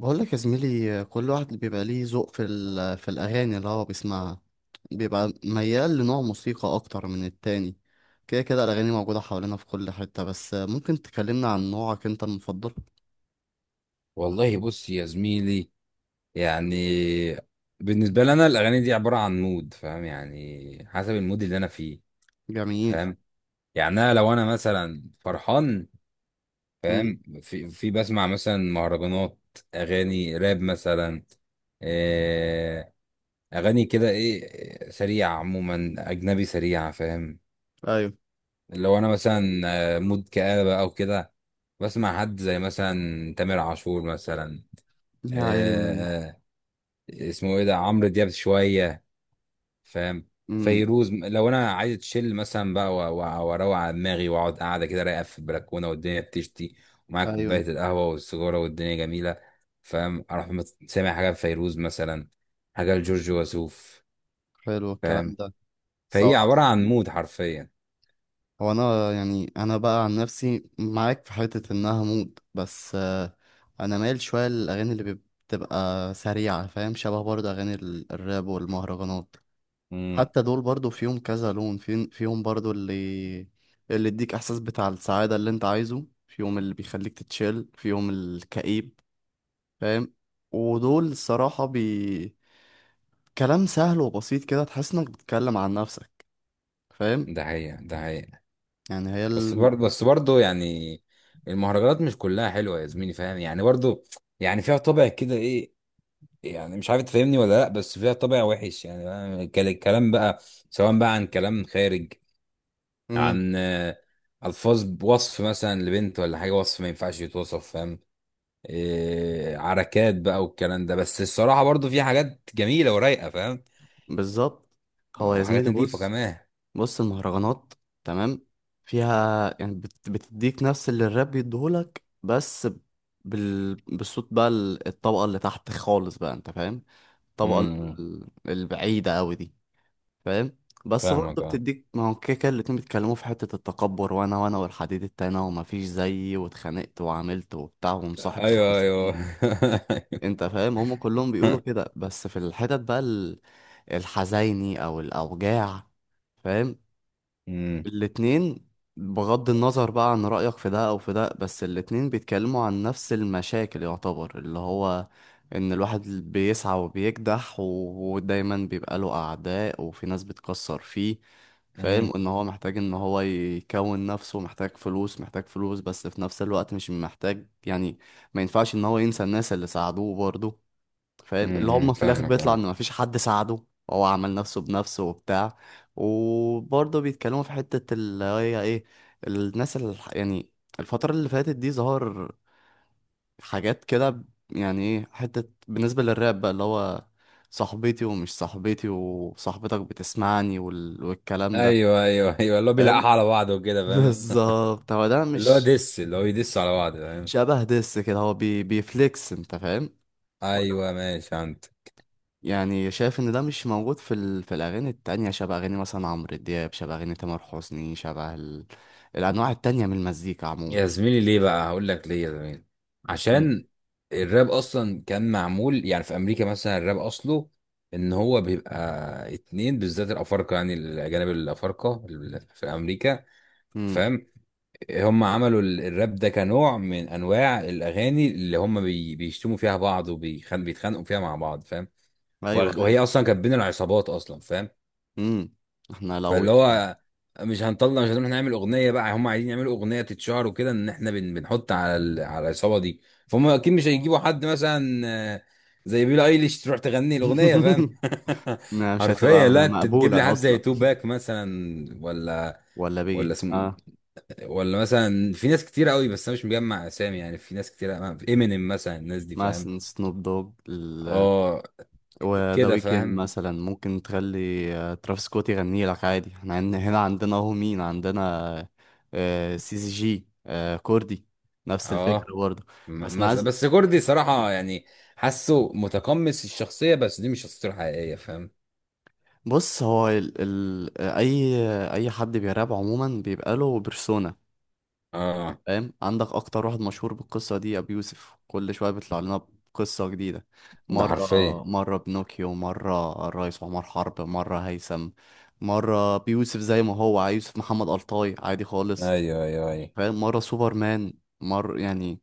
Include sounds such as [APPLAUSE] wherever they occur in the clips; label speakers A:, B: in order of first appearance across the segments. A: بقول لك يا زميلي، كل واحد بيبقى ليه ذوق في الأغاني اللي هو بيسمعها. بيبقى ميال لنوع موسيقى أكتر من التاني. كده كده الأغاني موجودة حوالينا في كل حتة، بس ممكن تكلمنا عن نوعك أنت المفضل؟
B: والله، بص يا زميلي. يعني بالنسبة لي أنا الأغاني دي عبارة عن مود، فاهم؟ يعني حسب المود اللي أنا فيه،
A: جميل.
B: فاهم؟ يعني أنا لو أنا مثلا فرحان،
A: مم.
B: فاهم؟ في بسمع مثلا مهرجانات، أغاني راب مثلا. آه، أغاني كده إيه سريعة، عموما أجنبي سريعة، فاهم؟
A: أيوه.
B: لو أنا مثلا مود كآبة أو كده، بسمع حد زي مثلا تامر عاشور مثلا.
A: يا عيني.
B: اسمه ايه ده، عمرو دياب شويه، فاهم؟
A: مم.
B: فيروز، لو انا عايز اتشيل مثلا بقى واروق على دماغي واقعد قاعده كده رايقه في البلكونه والدنيا بتشتي، ومعايا
A: أيوه.
B: كوبايه القهوه والسيجاره والدنيا جميله، فاهم؟ اروح سامع حاجه لفيروز مثلا، حاجه لجورج وسوف،
A: حلو
B: فاهم؟
A: الكلام ده.
B: فهي عباره عن مود حرفيا.
A: هو انا يعني انا بقى عن نفسي معاك في حتة انها مود، بس انا مايل شوية بتبقى سريعة. فاهم؟ شبه برضه اغاني الراب والمهرجانات.
B: امم.
A: حتى دول برضه فيهم كذا لون، فيهم برضه اللي يديك احساس بتاع السعادة اللي انت عايزه فيهم، اللي بيخليك تتشيل فيهم الكئيب. فاهم؟ ودول الصراحة كلام سهل وبسيط، كده تحس انك بتتكلم عن نفسك. فاهم؟
B: ده حقيقة، ده حقيقة.
A: يعني
B: بس برضه بس برضه يعني، المهرجانات مش كلها حلوه يا زميلي، فاهم؟ يعني برضه، يعني فيها طابع كده ايه، يعني مش عارف تفهمني ولا لا، بس فيها طابع وحش يعني بقى، الكلام بقى سواء بقى عن كلام خارج، عن الفاظ وصف مثلا لبنت ولا حاجه، وصف ما ينفعش يتوصف، فاهم؟ إيه عركات بقى والكلام ده، بس الصراحه برضو في حاجات جميله ورايقه، فاهم؟
A: بالظبط. هو يا
B: وحاجات
A: زميلي
B: نظيفه
A: بص.
B: كمان.
A: بص، المهرجانات، تمام، فيها يعني بتديك نفس اللي الراب بيديهولك، بس بالصوت بقى، الطبقة اللي تحت خالص بقى، انت فاهم؟ الطبقة
B: امم،
A: البعيدة قوي دي. فاهم؟ بس برضه
B: فاهمك، اه.
A: بتديك. ما هو كده كده الاتنين بيتكلموا في حتة التكبر، وانا وانا والحديد التاني ومفيش زيي واتخانقت وعملت وبتاع ومصاحب
B: ايوه، ايوه.
A: خمسين.
B: [LAUGHS]
A: انت فاهم؟ هم كلهم بيقولوا كده. بس في الحتت بقى الحزيني او الاوجاع، فاهم؟
B: امم،
A: الاتنين، بغض النظر بقى عن رأيك في ده او في ده، بس الاتنين بيتكلموا عن نفس المشاكل، يعتبر اللي هو ان الواحد بيسعى وبيكدح، ودايما بيبقى له اعداء وفي ناس بتكسر فيه. فاهم؟
B: امم،
A: ان هو محتاج ان هو يكون نفسه، محتاج فلوس، محتاج فلوس، بس في نفس الوقت مش محتاج يعني ما ينفعش ان هو ينسى الناس اللي ساعدوه برضه. فاهم؟ اللي
B: امم،
A: هم في الاخر
B: فاهمك،
A: بيطلع ان
B: اه.
A: مفيش حد ساعده، هو عمل نفسه بنفسه وبتاع. وبرضه بيتكلموا في حتة اللي هي ايه، الناس اللي يعني الفترة اللي فاتت دي ظهر حاجات كده يعني ايه، حتة بالنسبة للراب بقى اللي هو صاحبتي ومش صاحبتي وصاحبتك بتسمعني، والكلام ده.
B: ايوه، ايوه، ايوه، اللي هو
A: فاهم؟
B: بيلقحوا على بعض وكده،
A: [LAUGHS]
B: فاهم؟
A: بالظبط، هو ده.
B: اللي هو
A: مش
B: دس، اللي هو يدس على بعض، فاهم؟
A: شبه دس كده، هو بيفليكس، انت فاهم؟
B: ايوه، ماشي، عند.
A: يعني شايف ان ده مش موجود في الاغاني التانية، شبه اغاني مثلا عمرو دياب، شبه اغاني تامر حسني، الانواع التانية من المزيكا عموما.
B: يا زميلي ليه بقى؟ هقول لك ليه يا زميلي.
A: امم.
B: عشان الراب اصلا كان معمول يعني في امريكا مثلا، الراب اصله ان هو بيبقى اتنين بالذات الافارقه، يعني الاجانب الافارقه في امريكا،
A: امم.
B: فاهم؟ هم عملوا الراب ده كنوع من انواع الاغاني، اللي هم بيشتموا فيها بعض وبيتخانقوا فيها مع بعض، فاهم؟
A: ايوه ايوه.
B: وهي اصلا كانت بين العصابات اصلا، فاهم؟
A: امم. احنا لو
B: فاللي
A: يعني.
B: هو مش هنطلع مش هنروح نعمل اغنيه بقى، هم عايزين يعملوا اغنيه تتشهر وكده، ان احنا بنحط على العصابه دي. فهم اكيد مش هيجيبوا حد مثلا آه، زي بيلي ايليش تروح تغني الاغنيه، فاهم؟
A: [LAUGHS] ما
B: [LAUGHS]
A: مش
B: حرفيا، لا
A: هتبقى
B: انت تجيب لي
A: مقبولة
B: حد زي
A: اصلا.
B: تو باك مثلا. ولا
A: ولا
B: ولا
A: بيجي،
B: اسم،
A: اه.
B: ولا مثلا في ناس كتير قوي، بس انا مش مجمع اسامي، يعني في ناس كتير، امينيم مثلا، الناس دي، فاهم؟
A: مثلا سنوب دوج،
B: اه.
A: وذا
B: كده،
A: ويكند،
B: فاهم؟
A: مثلا ممكن تخلي ترافيس سكوت يغني لك عادي. احنا هنا عندنا اهو، مين عندنا؟ سي سي جي، كوردي. نفس الفكرة
B: اه.
A: برضه. بس انا عايز.
B: بس جوردي صراحة يعني حاسه متقمص الشخصية، بس دي مش شخصيته الحقيقية، فاهم؟
A: بص، هو ال... ال... آه، اي اي حد بيراب عموما بيبقى له بيرسونا.
B: اه.
A: فاهم؟ عندك اكتر واحد مشهور بالقصه دي ابي يوسف، كل شويه بيطلع لنا بقصه جديده.
B: ده
A: مره،
B: حرفيا.
A: مره بنوكيو، مره الريس عمر حرب، مره هيثم، مره بيوسف زي ما هو عايز، يوسف محمد الطاي عادي خالص.
B: ايوه، ايوه، ايوه،
A: فاهم؟ مره سوبرمان، مره يعني.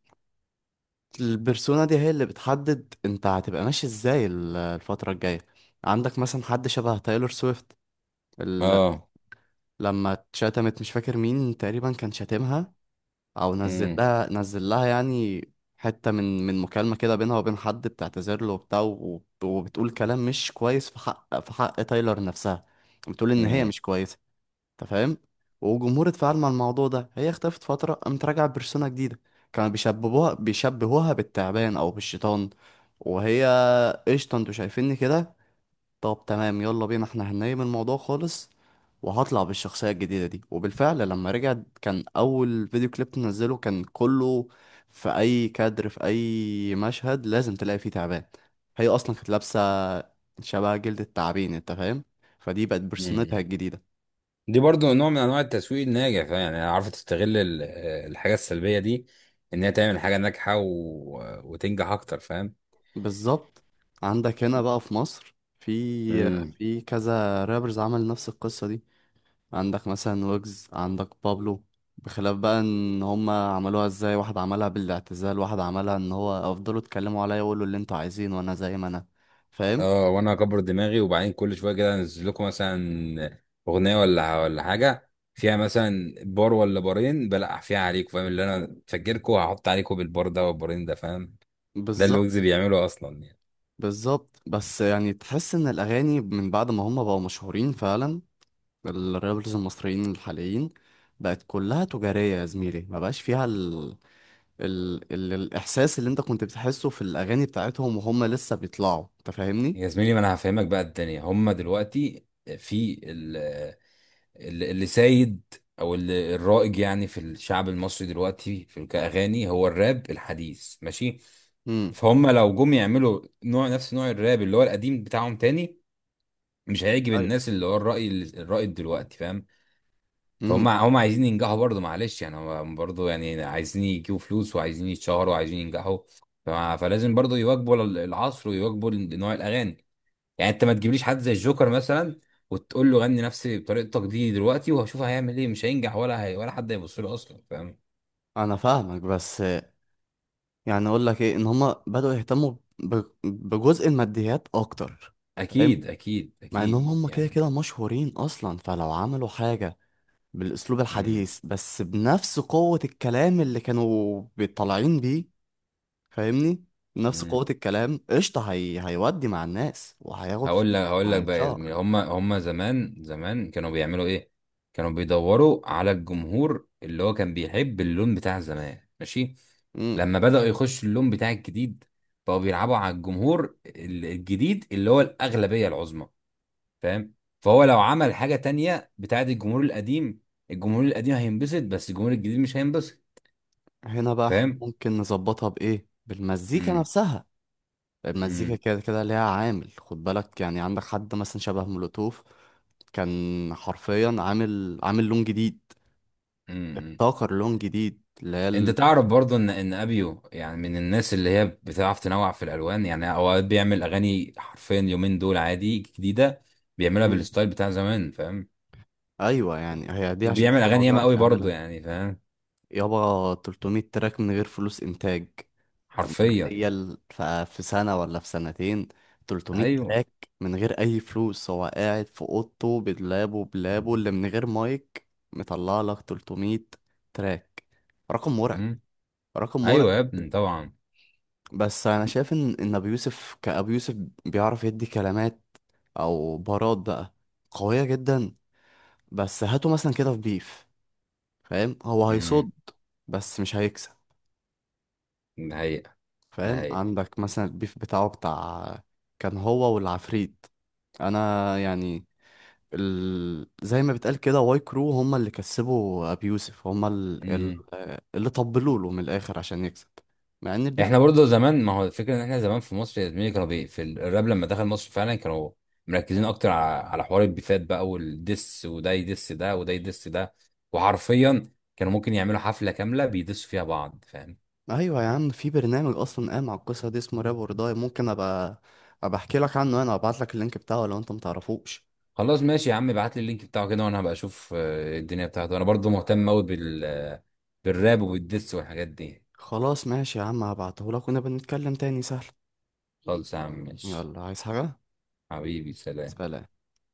A: البرسونا دي هي اللي بتحدد انت هتبقى ماشي ازاي الفتره الجايه. عندك مثلا حد شبه تايلور سويفت، ال...
B: اه.
A: لما اتشتمت، مش فاكر مين تقريبا كان شاتمها، او نزل
B: امم،
A: لها، نزل لها يعني حتة من مكالمة كده بينها وبين حد، بتعتذر له وبتاع، وبتقول كلام مش كويس في حق، في حق تايلر نفسها. بتقول ان هي
B: امم،
A: مش كويسة. انت فاهم؟ والجمهور اتفاعل مع الموضوع ده، هي اختفت فترة، قامت راجعة بيرسونا جديدة. كانوا بيشبهوها بالتعبان او بالشيطان. وهي، قشطة انتوا شايفيني كده؟ طب تمام يلا بينا، احنا هننام الموضوع خالص، وهطلع بالشخصية الجديدة دي. وبالفعل لما رجع، كان أول فيديو كليب تنزله كان كله، في أي كادر، في أي مشهد، لازم تلاقي فيه تعبان. هي أصلا كانت لابسة شبه جلد التعابين، أنت فاهم؟ فدي بقت برسونتها
B: أمم.
A: الجديدة.
B: دي برضو نوع من انواع التسويق الناجح، فاهم؟ يعني عارفة تستغل الحاجة السلبية دي، ان هي تعمل حاجة ناجحة و... وتنجح اكتر.
A: بالظبط. عندك هنا بقى في مصر في
B: فاهم؟
A: في كذا رابرز عمل نفس القصة دي. عندك مثلا ويجز، عندك بابلو. بخلاف بقى ان هما عملوها ازاي. واحد عملها بالاعتزال، واحد عملها ان هو افضلوا اتكلموا عليا وقولوا اللي انتوا عايزينه، وانا زي ما انا. فاهم؟
B: اه، وانا اكبر دماغي، وبعدين كل شويه كده انزل لكم مثلا اغنيه ولا حاجه، فيها مثلا بار ولا بارين بلقح فيها عليكم، فاهم؟ اللي انا فاكركم هحط عليكم بالبار ده والبارين ده، فاهم؟ ده اللي
A: بالظبط.
B: ويجز بيعمله اصلا يعني.
A: بالظبط. بس يعني تحس ان الاغاني من بعد ما هما بقوا مشهورين فعلا، الرابرز المصريين الحاليين، بقت كلها تجارية يا زميلي، ما بقاش فيها الاحساس اللي انت كنت بتحسه في الاغاني بتاعتهم وهم لسه بيطلعوا. انت فاهمني؟
B: يا زميلي ما انا هفهمك بقى، الدنيا هما دلوقتي في اللي سايد او اللي الرائج، يعني في الشعب المصري دلوقتي في كاغاني، هو الراب الحديث، ماشي.
A: امم.
B: فهم لو جم يعملوا نوع نفس نوع الراب اللي هو القديم بتاعهم تاني، مش هيعجب
A: ايوه.
B: الناس، اللي هو الرأي دلوقتي، فاهم؟
A: امم.
B: فهم هم عايزين ينجحوا برضه، معلش يعني، هم برضه يعني عايزين يجيبوا فلوس وعايزين يتشهروا وعايزين ينجحوا، فلازم برضه يواكبوا العصر ويواكبوا نوع الأغاني. يعني انت ما تجيبليش حد زي الجوكر مثلا وتقول له غني نفسي بطريقتك دي دلوقتي، وهشوف هيعمل ايه، مش هينجح ولا هي ولا حد هيبص له اصلا، فاهم؟
A: انا فاهمك، بس يعني اقول لك ايه، ان هما بدأوا يهتموا بجزء الماديات اكتر. فاهم؟
B: اكيد اكيد
A: مع انهم
B: اكيد
A: هما كده
B: يعني.
A: كده مشهورين اصلا. فلو عملوا حاجة بالاسلوب
B: امم،
A: الحديث، بس بنفس قوة الكلام اللي كانوا بيطلعين بيه. فاهمني؟ نفس
B: إمم.
A: قوة الكلام قشطة، هيودي مع الناس وهياخد
B: هقول
A: فلوس
B: لك هقول لك بقى يا
A: وهيتشهر.
B: زميلي، هم زمان زمان كانوا بيعملوا ايه؟ كانوا بيدوروا على الجمهور اللي هو كان بيحب اللون بتاع زمان، ماشي.
A: مم.
B: لما بدأوا يخشوا اللون بتاع الجديد، بقوا بيلعبوا على الجمهور الجديد اللي هو الأغلبية العظمى، فاهم؟ فهو لو عمل حاجة تانية بتاعت الجمهور القديم، الجمهور القديم هينبسط بس الجمهور الجديد مش هينبسط،
A: هنا بقى احنا
B: فاهم؟
A: ممكن نظبطها بايه؟ بالمزيكا
B: امم،
A: نفسها. المزيكا
B: امم،
A: كده كده ليها عامل، خد بالك، يعني عندك حد مثلا شبه مولوتوف، كان حرفيا عامل لون جديد،
B: امم، امم.
A: ابتكر لون جديد اللي
B: انت تعرف برضه ان ابيو يعني من الناس اللي هي بتعرف تنوع في الالوان، يعني اوقات بيعمل اغاني حرفيا يومين دول عادي جديده،
A: [LAUGHS]
B: بيعملها
A: مم.
B: بالستايل بتاع زمان، فاهم؟
A: ايوه يعني هي دي عشان
B: وبيعمل
A: حاجه هو
B: اغاني ياما قوي
A: بيعرف
B: برضه
A: يعملها.
B: يعني، فاهم؟
A: يابا 300 تراك من غير فلوس انتاج، انت
B: حرفيا.
A: متخيل؟ في سنه ولا في سنتين 300
B: ايوه.
A: تراك، من غير اي فلوس، هو قاعد في اوضته بلابه بلابه اللي من غير مايك، مطلع لك 300 تراك. رقم مرعب.
B: امم.
A: رقم مرعب.
B: ايوه يا ابني، طبعا.
A: بس انا شايف ان ابو يوسف، كابو يوسف بيعرف يدي كلمات او بارات بقى قويه جدا. بس هاته مثلا كده في بيف، فاهم؟ هو
B: امم.
A: هيصد، بس مش هيكسب.
B: ده حقيقه، ده
A: فاهم؟
B: حقيقه.
A: عندك مثلا البيف بتاعه كان هو والعفريت، انا يعني زي ما بتقال كده، واي كرو هما اللي كسبوا ابو يوسف. هما
B: مم.
A: اللي طبلوا له من الاخر عشان يكسب، مع ان البيف.
B: احنا برضه زمان، ما هو الفكره ان احنا زمان في مصر يا زميلي كانوا الراب لما دخل مصر فعلا كانوا مركزين اكتر على حوار البيفات بقى والدس، وده يدس ده وده يدس ده، وحرفيا كانوا ممكن يعملوا حفله كامله بيدسوا فيها بعض، فاهم؟
A: ايوه يا عم، في برنامج اصلا قام على القصه دي اسمه راب داي، ممكن ابقى احكي لك عنه، انا ابعت لك اللينك بتاعه لو انت متعرفوش.
B: خلاص ماشي يا عم، ابعت لي اللينك بتاعه كده وانا هبقى اشوف الدنيا بتاعته، انا برضه مهتم قوي بالراب وبالدس والحاجات دي.
A: خلاص ماشي يا عم، هبعته لك ونبقى نتكلم تاني سهل.
B: خالص يا عم، ماشي.
A: يلا، عايز حاجه؟
B: حبيبي، سلام.
A: سلام.